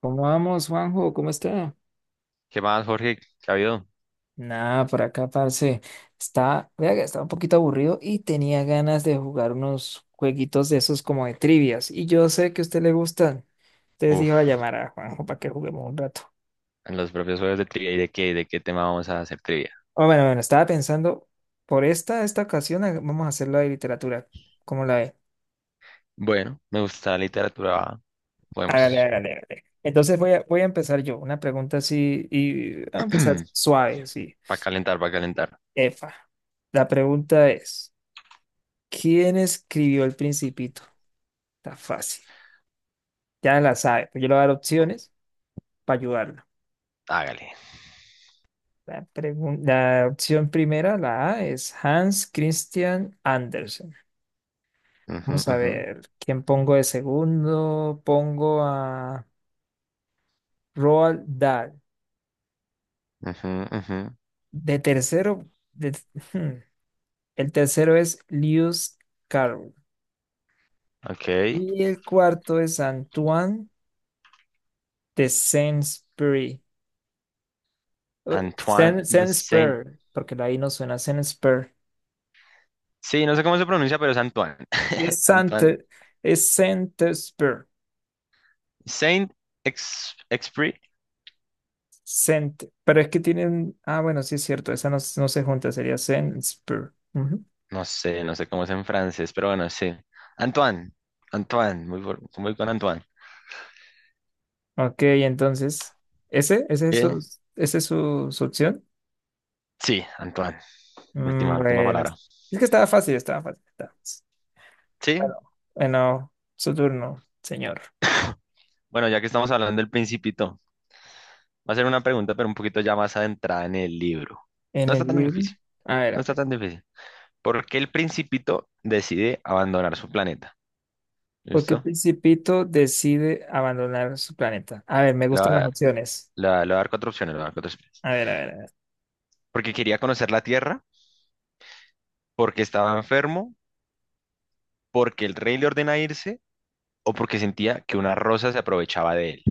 ¿Cómo vamos, Juanjo? ¿Cómo está? ¿Qué más, Jorge? ¿Qué ha habido? Nada, por acá, parce. Está, vea que estaba un poquito aburrido y tenía ganas de jugar unos jueguitos de esos como de trivias. Y yo sé que a usted le gustan. Entonces Uf, dije, voy a llamar a Juanjo para que juguemos un rato. en los propios juegos de trivia, ¿y de qué tema vamos a hacer trivia? Oh, bueno, bueno, estaba pensando, por esta ocasión vamos a hacerlo de literatura. ¿Cómo la ve? Bueno, me gusta la literatura, Hágale, podemos. hágale, hágale. Entonces voy a empezar yo. Una pregunta así, y voy a empezar suave, así. Para calentar, para calentar. Efa. La pregunta es: ¿quién escribió El Principito? Está fácil. Ya la sabe. Pues yo le voy a dar opciones para ayudarla. Hágale. La opción primera, la A, es Hans Christian Andersen. Ujú, Vamos a ujú, ver, ¿quién pongo de segundo? Pongo a Roald Dahl. ujú, ujú. De tercero, el tercero es Lewis Carroll. Ok. Y el cuarto es Antoine de Saint-Exupéry. Antoine de Saint. Saint-Exupéry, porque la I no suena Saint-Exupéry. Sí, no sé cómo se pronuncia, pero es Antoine. Es Sant, Antoine. es Sentesper. Saint Ex Exupéry. Sent, pero es que tienen. Ah, bueno, sí es cierto, esa no, no se junta, sería Sentesper. Ujú. No sé cómo es en francés, pero bueno, sí. Antoine. Antoine. Muy con Antoine. Ok, entonces, ¿ese? ¿Ese es su, Bien. ese es su opción? Sí, Antoine. Mm, Última bueno, palabra. es que estaba fácil, estaba fácil, estaba fácil. Sí, Bueno, bueno, su turno, señor. bueno, ya que estamos hablando del Principito, va a ser una pregunta, pero un poquito ya más adentrada en el libro. En No el está tan libro. difícil, A ver, no a está ver. tan difícil. ¿Por qué el Principito decide abandonar su planeta? ¿Por qué ¿Listo? Principito decide abandonar su planeta? A ver, me Le voy gustan las a opciones. le voy a- le voy a dar cuatro opciones, le voy a dar cuatro opciones. A ver, a ver, a ver. Porque quería conocer la Tierra, porque estaba enfermo, porque el rey le ordena irse o porque sentía que una rosa se aprovechaba de él.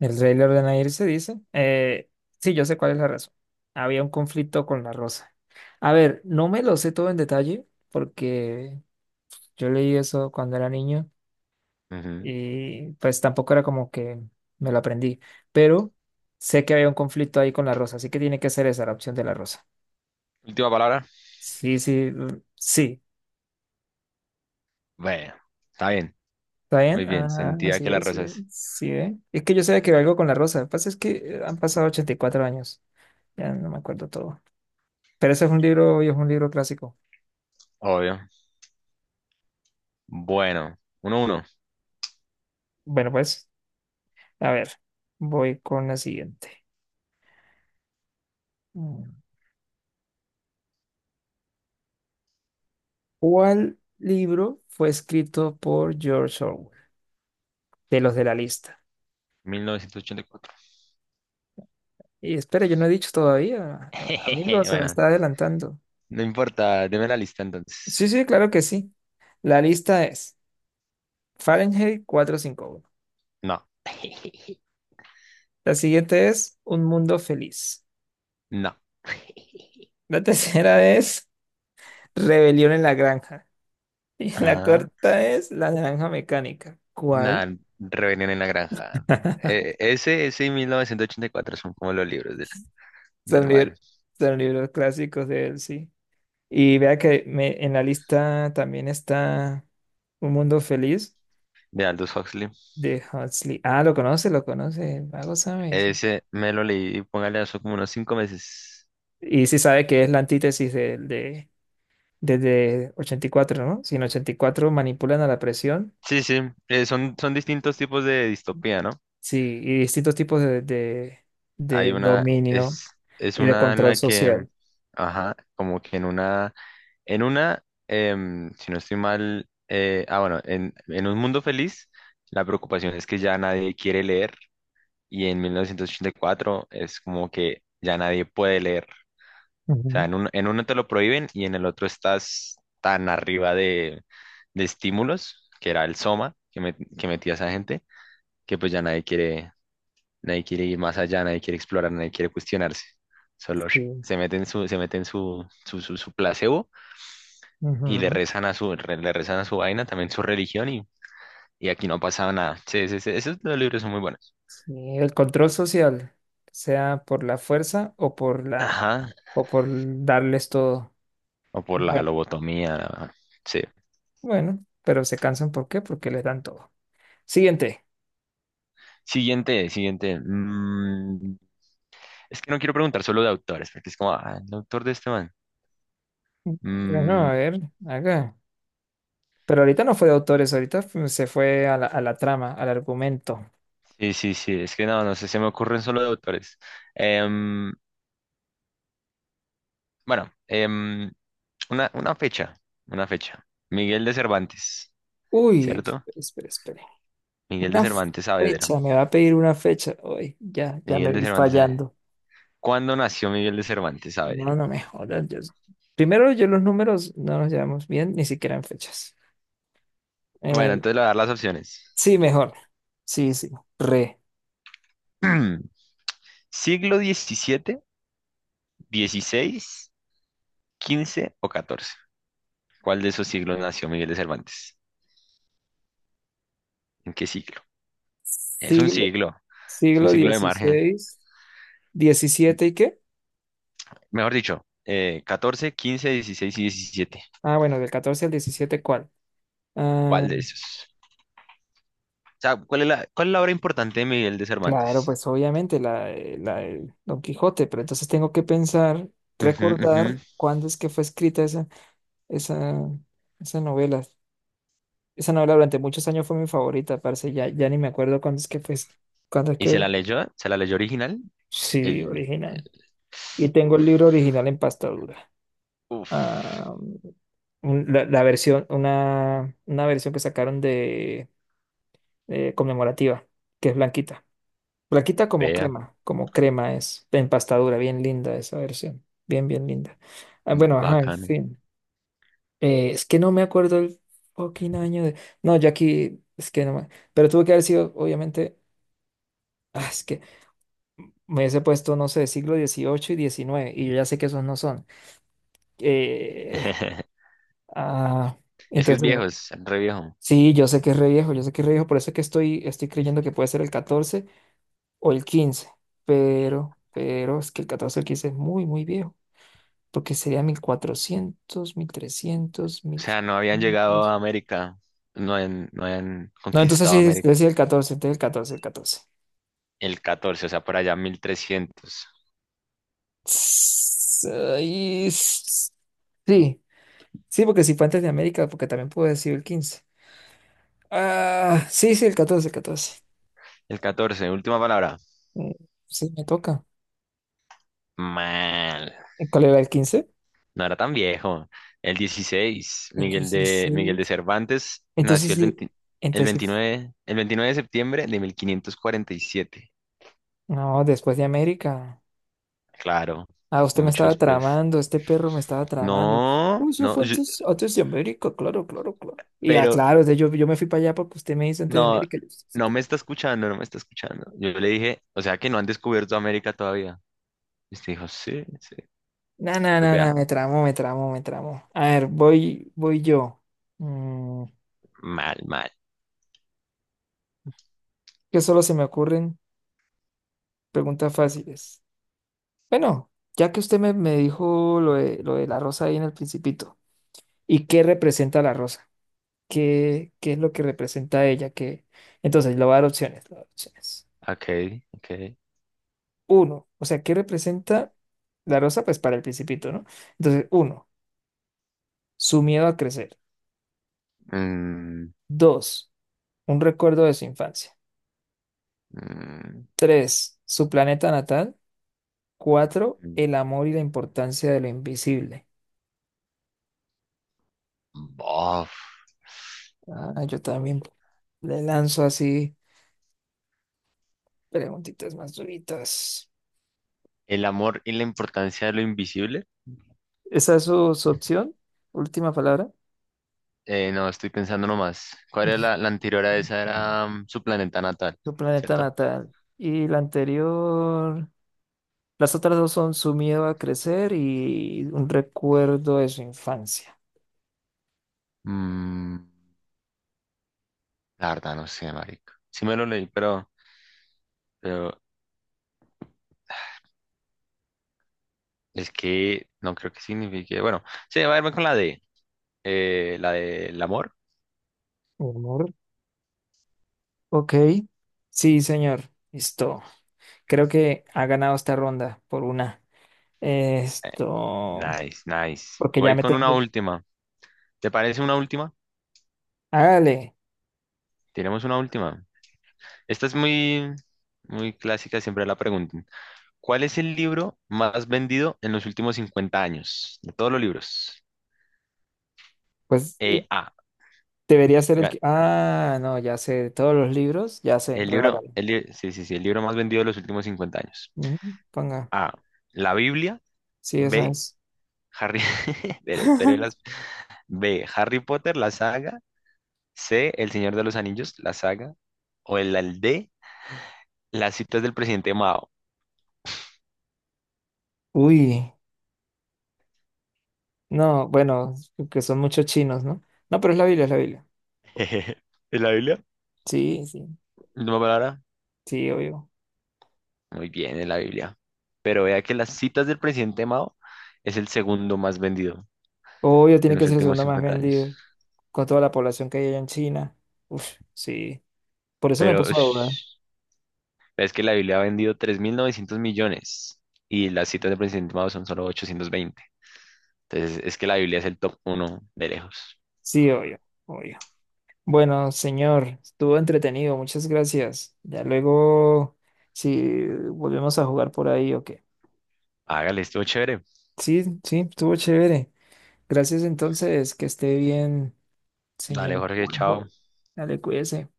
El rey le ordena irse, dice. Sí, yo sé cuál es la razón. Había un conflicto con la rosa. A ver, no me lo sé todo en detalle porque yo leí eso cuando era niño Ujú. y pues tampoco era como que me lo aprendí, pero sé que había un conflicto ahí con la rosa, así que tiene que ser esa la opción de la rosa. Última palabra. Sí, sí, mm, sí. Bueno, está bien, ¿Está bien? muy bien. Ah, Sentía así que la es, sí, rosa es sí, ¿eh? Es que yo sé que había algo con la rosa. Lo que pasa es que han pasado 84 años. Ya no me acuerdo todo. Pero ese es un libro, y es un libro clásico. obvio. Bueno, 1-1, Bueno, pues, a ver, voy con la siguiente. Mm. ¿Cuál libro fue escrito por George Orwell? De los de la lista. 1984. Y espera, yo no he dicho todavía. Amigo, se me Bueno, está adelantando. no importa, deme la lista Sí, entonces. sí, claro que sí. La lista es Fahrenheit 451. No, La siguiente es Un Mundo Feliz. no. La tercera es Rebelión en la Granja. Y la Ah, cuarta es La Naranja Mecánica. ¿Cuál? nada, Rebelión en la Granja. Eh, ese, ese y 1984 son como los libros del Son man, libros, son libros clásicos de él, sí. Y vea que me, en la lista también está Un Mundo Feliz de Aldous Huxley. de Huxley. Ah, lo conoce, el vago sabe. Sí, sí. Ese me lo leí, póngale eso como unos 5 meses. Y sí sabe que es la antítesis desde 84, ¿no? Si en 84 manipulan a la presión, Sí, sí, son distintos tipos de distopía, ¿no? sí, y distintos tipos Hay de una, dominio es y de una en control la que, social. ajá, como que en una. En una, si no estoy mal, bueno, en un mundo feliz, la preocupación es que ya nadie quiere leer y en 1984 es como que ya nadie puede leer. O sea, Ujú. en uno te lo prohíben y en el otro estás tan arriba de estímulos, que era el soma que metía esa gente, que pues ya nadie quiere, nadie quiere ir más allá, nadie quiere explorar, nadie quiere cuestionarse. Solo Sí. Se mete en su placebo y le Ujú. rezan a su, re- le rezan a su vaina, también su religión, y aquí no ha nada. Sí, sí, sí, esos dos libros son muy buenos. Sí, el control social, sea por la fuerza o por la, Ajá, o por darles todo. o por la Bueno, lobotomía, sí. bueno, pero se cansan ¿por qué? Porque les dan todo. Siguiente. Siguiente, siguiente. Es que no quiero preguntar solo de autores, porque es como, el autor de este man. Bueno, Mm, a ver, acá. Pero ahorita no fue de autores, ahorita se fue a la trama, al argumento. sí, sí, sí, es que no sé, se me ocurren solo de autores. Em, bueno, una fecha, una fecha. Miguel de Cervantes, Uy, ¿cierto? espere, espere, espere. Miguel de Una Cervantes Saavedra. fecha, me va a pedir una fecha. Uy, ya, ya Miguel me de vi Cervantes. fallando. ¿Cuándo nació Miguel de Cervantes? A ver. No, no me jodas. Primero, yo los números no nos llevamos bien, ni siquiera en fechas. Bueno, Eh, entonces le voy a dar las opciones. sí, mejor. Sí, sí. Re. ¿Siglo diecisiete, dieciséis, quince o catorce? ¿Cuál de esos siglos nació Miguel de Cervantes? ¿En qué siglo? Es un Siglo, siglo, es un siglo siglo de margen. dieciséis, diecisiete ¿y qué? Mejor dicho, 14, 15, 16 y 17. Ah, bueno, del 14 al 17, ¿cuál? Ah, ¿Cuál de esos? O sea, ¿cuál es la obra importante de Miguel de claro, Cervantes? pues obviamente la, la del Don Quijote, pero entonces tengo que pensar, Ujú, ujú. recordar cuándo es que fue escrita esa, esa novela. Esa novela durante muchos años fue mi favorita, parce, ya, ya ni me acuerdo cuándo es que fue, cuándo es ¿Y se que, la leyó? ¿Se la leyó original? sí, El... original. Y tengo el Uf, libro original en pasta dura. uf. Ah, la, la versión, una versión que sacaron de conmemorativa, que es blanquita. Flaquita Vea, como crema es, de empastadura, bien linda esa versión, bien, bien linda. Ah, bueno, ajá, en bacano. fin. Es que no me acuerdo el fucking año de... No, Jackie, es que no me... Pero tuvo que haber sido, obviamente, ah, es que me hubiese puesto, no sé, siglo dieciocho y diecinueve y yo ya sé que esos no son. Eh, ah, Es que es entonces, viejo, es re viejo. sí, yo sé que es re viejo, yo sé que es re viejo, por eso es que estoy, estoy creyendo que puede ser el 14 o el 15, pero es que el 14 o el 15 es muy, muy viejo, porque sería 1400, 1300, O sea, no habían llegado 1500. a América, no habían No, entonces conquistado sí, es América. decir el 14 entonces el 14 el catorce. El catorce, o sea, por allá 1300. Tss, ay, s- sí, sí, porque si fue antes de América, porque también puedo decir el quince. Ah, sí, sí, el 14 el catorce. El 14. Última palabra. Mm, sí, me toca. Mal. ¿Y ¿cuál era el quince? No era tan viejo. El 16. El Miguel de 16. Cervantes nació Entonces el sí, 20 el entonces sí. veintinueve de septiembre de 1547. No, después de América. Claro, Ah, usted me mucho estaba después. tramando, este perro me estaba tramando. No, Uy, eso no, fue antes, antes de América, claro, claro, claro. Y ah, pero claro, o sea, yo me fui para allá porque usted me hizo antes de No, América. Yo, así no como, me está escuchando, no me está escuchando. Yo le dije, o sea que no han descubierto América todavía. Y usted dijo, sí, sí. no, no, Entonces no, vea, no, me tramó, me tramó, me tramó. A ver, voy yo. Mm, mal, mal. que solo se me ocurren preguntas fáciles. Bueno, ya que usted me dijo lo de la rosa ahí en el principito, ¿y qué representa la rosa? ¿Qué, qué es lo que representa ella? ¿Qué? Entonces, le voy a dar opciones, le voy a dar opciones. Ok, ok. Uno, o sea, ¿qué representa la rosa? Pues para el principito, ¿no? Entonces, uno, su miedo a crecer. Mm, Dos, un recuerdo de su infancia. mm, Tres, su planeta natal. Cuatro, mm. el amor y la importancia de lo invisible. Bof. Ah, yo también le lanzo así preguntitas más duritas. El amor y la importancia de lo invisible. ¿Esa es su, su opción? Última palabra. No, estoy pensando nomás. ¿Cuál era la anterior a esa? Ujú. Era su planeta natal, Su planeta ¿cierto? natal. Y la anterior. Las otras dos son su miedo a crecer y un recuerdo de su infancia. Mm, la verdad, no sé, marica. Sí me lo leí, pero es que no creo que signifique. Bueno, sí, va a irme con la D. La del amor. Humor. Ok. Sí, señor. Listo. Creo que ha ganado esta ronda por una. Eh, Esto, Nice, nice. porque ya Voy me con una tengo. última. ¿Te parece una última? Hágale. Tenemos una última. Esta es muy, muy clásica, siempre la preguntan. ¿Cuál es el libro más vendido en los últimos 50 años? De todos los libros. Pues y A. debería ser el Vea, que. Ah, no, ya sé. De todos los libros, ya sé, el pero libro, hágale. Sí, sí, sí, el libro más vendido de los últimos 50 años. Mm, ponga. A. La Biblia. Sí, eso B. es. Harry, espere, espere B. Harry Potter, la saga. C. El Señor de los Anillos, la saga. O el D. Las citas del presidente Mao. Uy. No, bueno, que son muchos chinos, ¿no? No, pero es la Biblia, es la Biblia. ¿En la Biblia? Sí, sí. Última palabra. Sí, obvio. Muy bien, en la Biblia. Pero vea que las citas del presidente Mao es el segundo más vendido Obvio, en tiene que los ser el últimos segundo más 50 años. vendido con toda la población que hay allá en China. Uf, sí. Por eso me Pero puso a dudar. ush, es que la Biblia ha vendido 3900 millones y las citas del presidente Mao son solo 820. Entonces es que la Biblia es el top uno de lejos. Sí, obvio, obvio. Bueno, señor, estuvo entretenido. Muchas gracias. Ya luego, si volvemos a jugar por ahí o qué. Hágale, estuvo chévere. Sí, sí, estuvo chévere. Gracias entonces. Que esté bien, Dale, señor Jorge, chao. Juanjo. Dale, cuídese.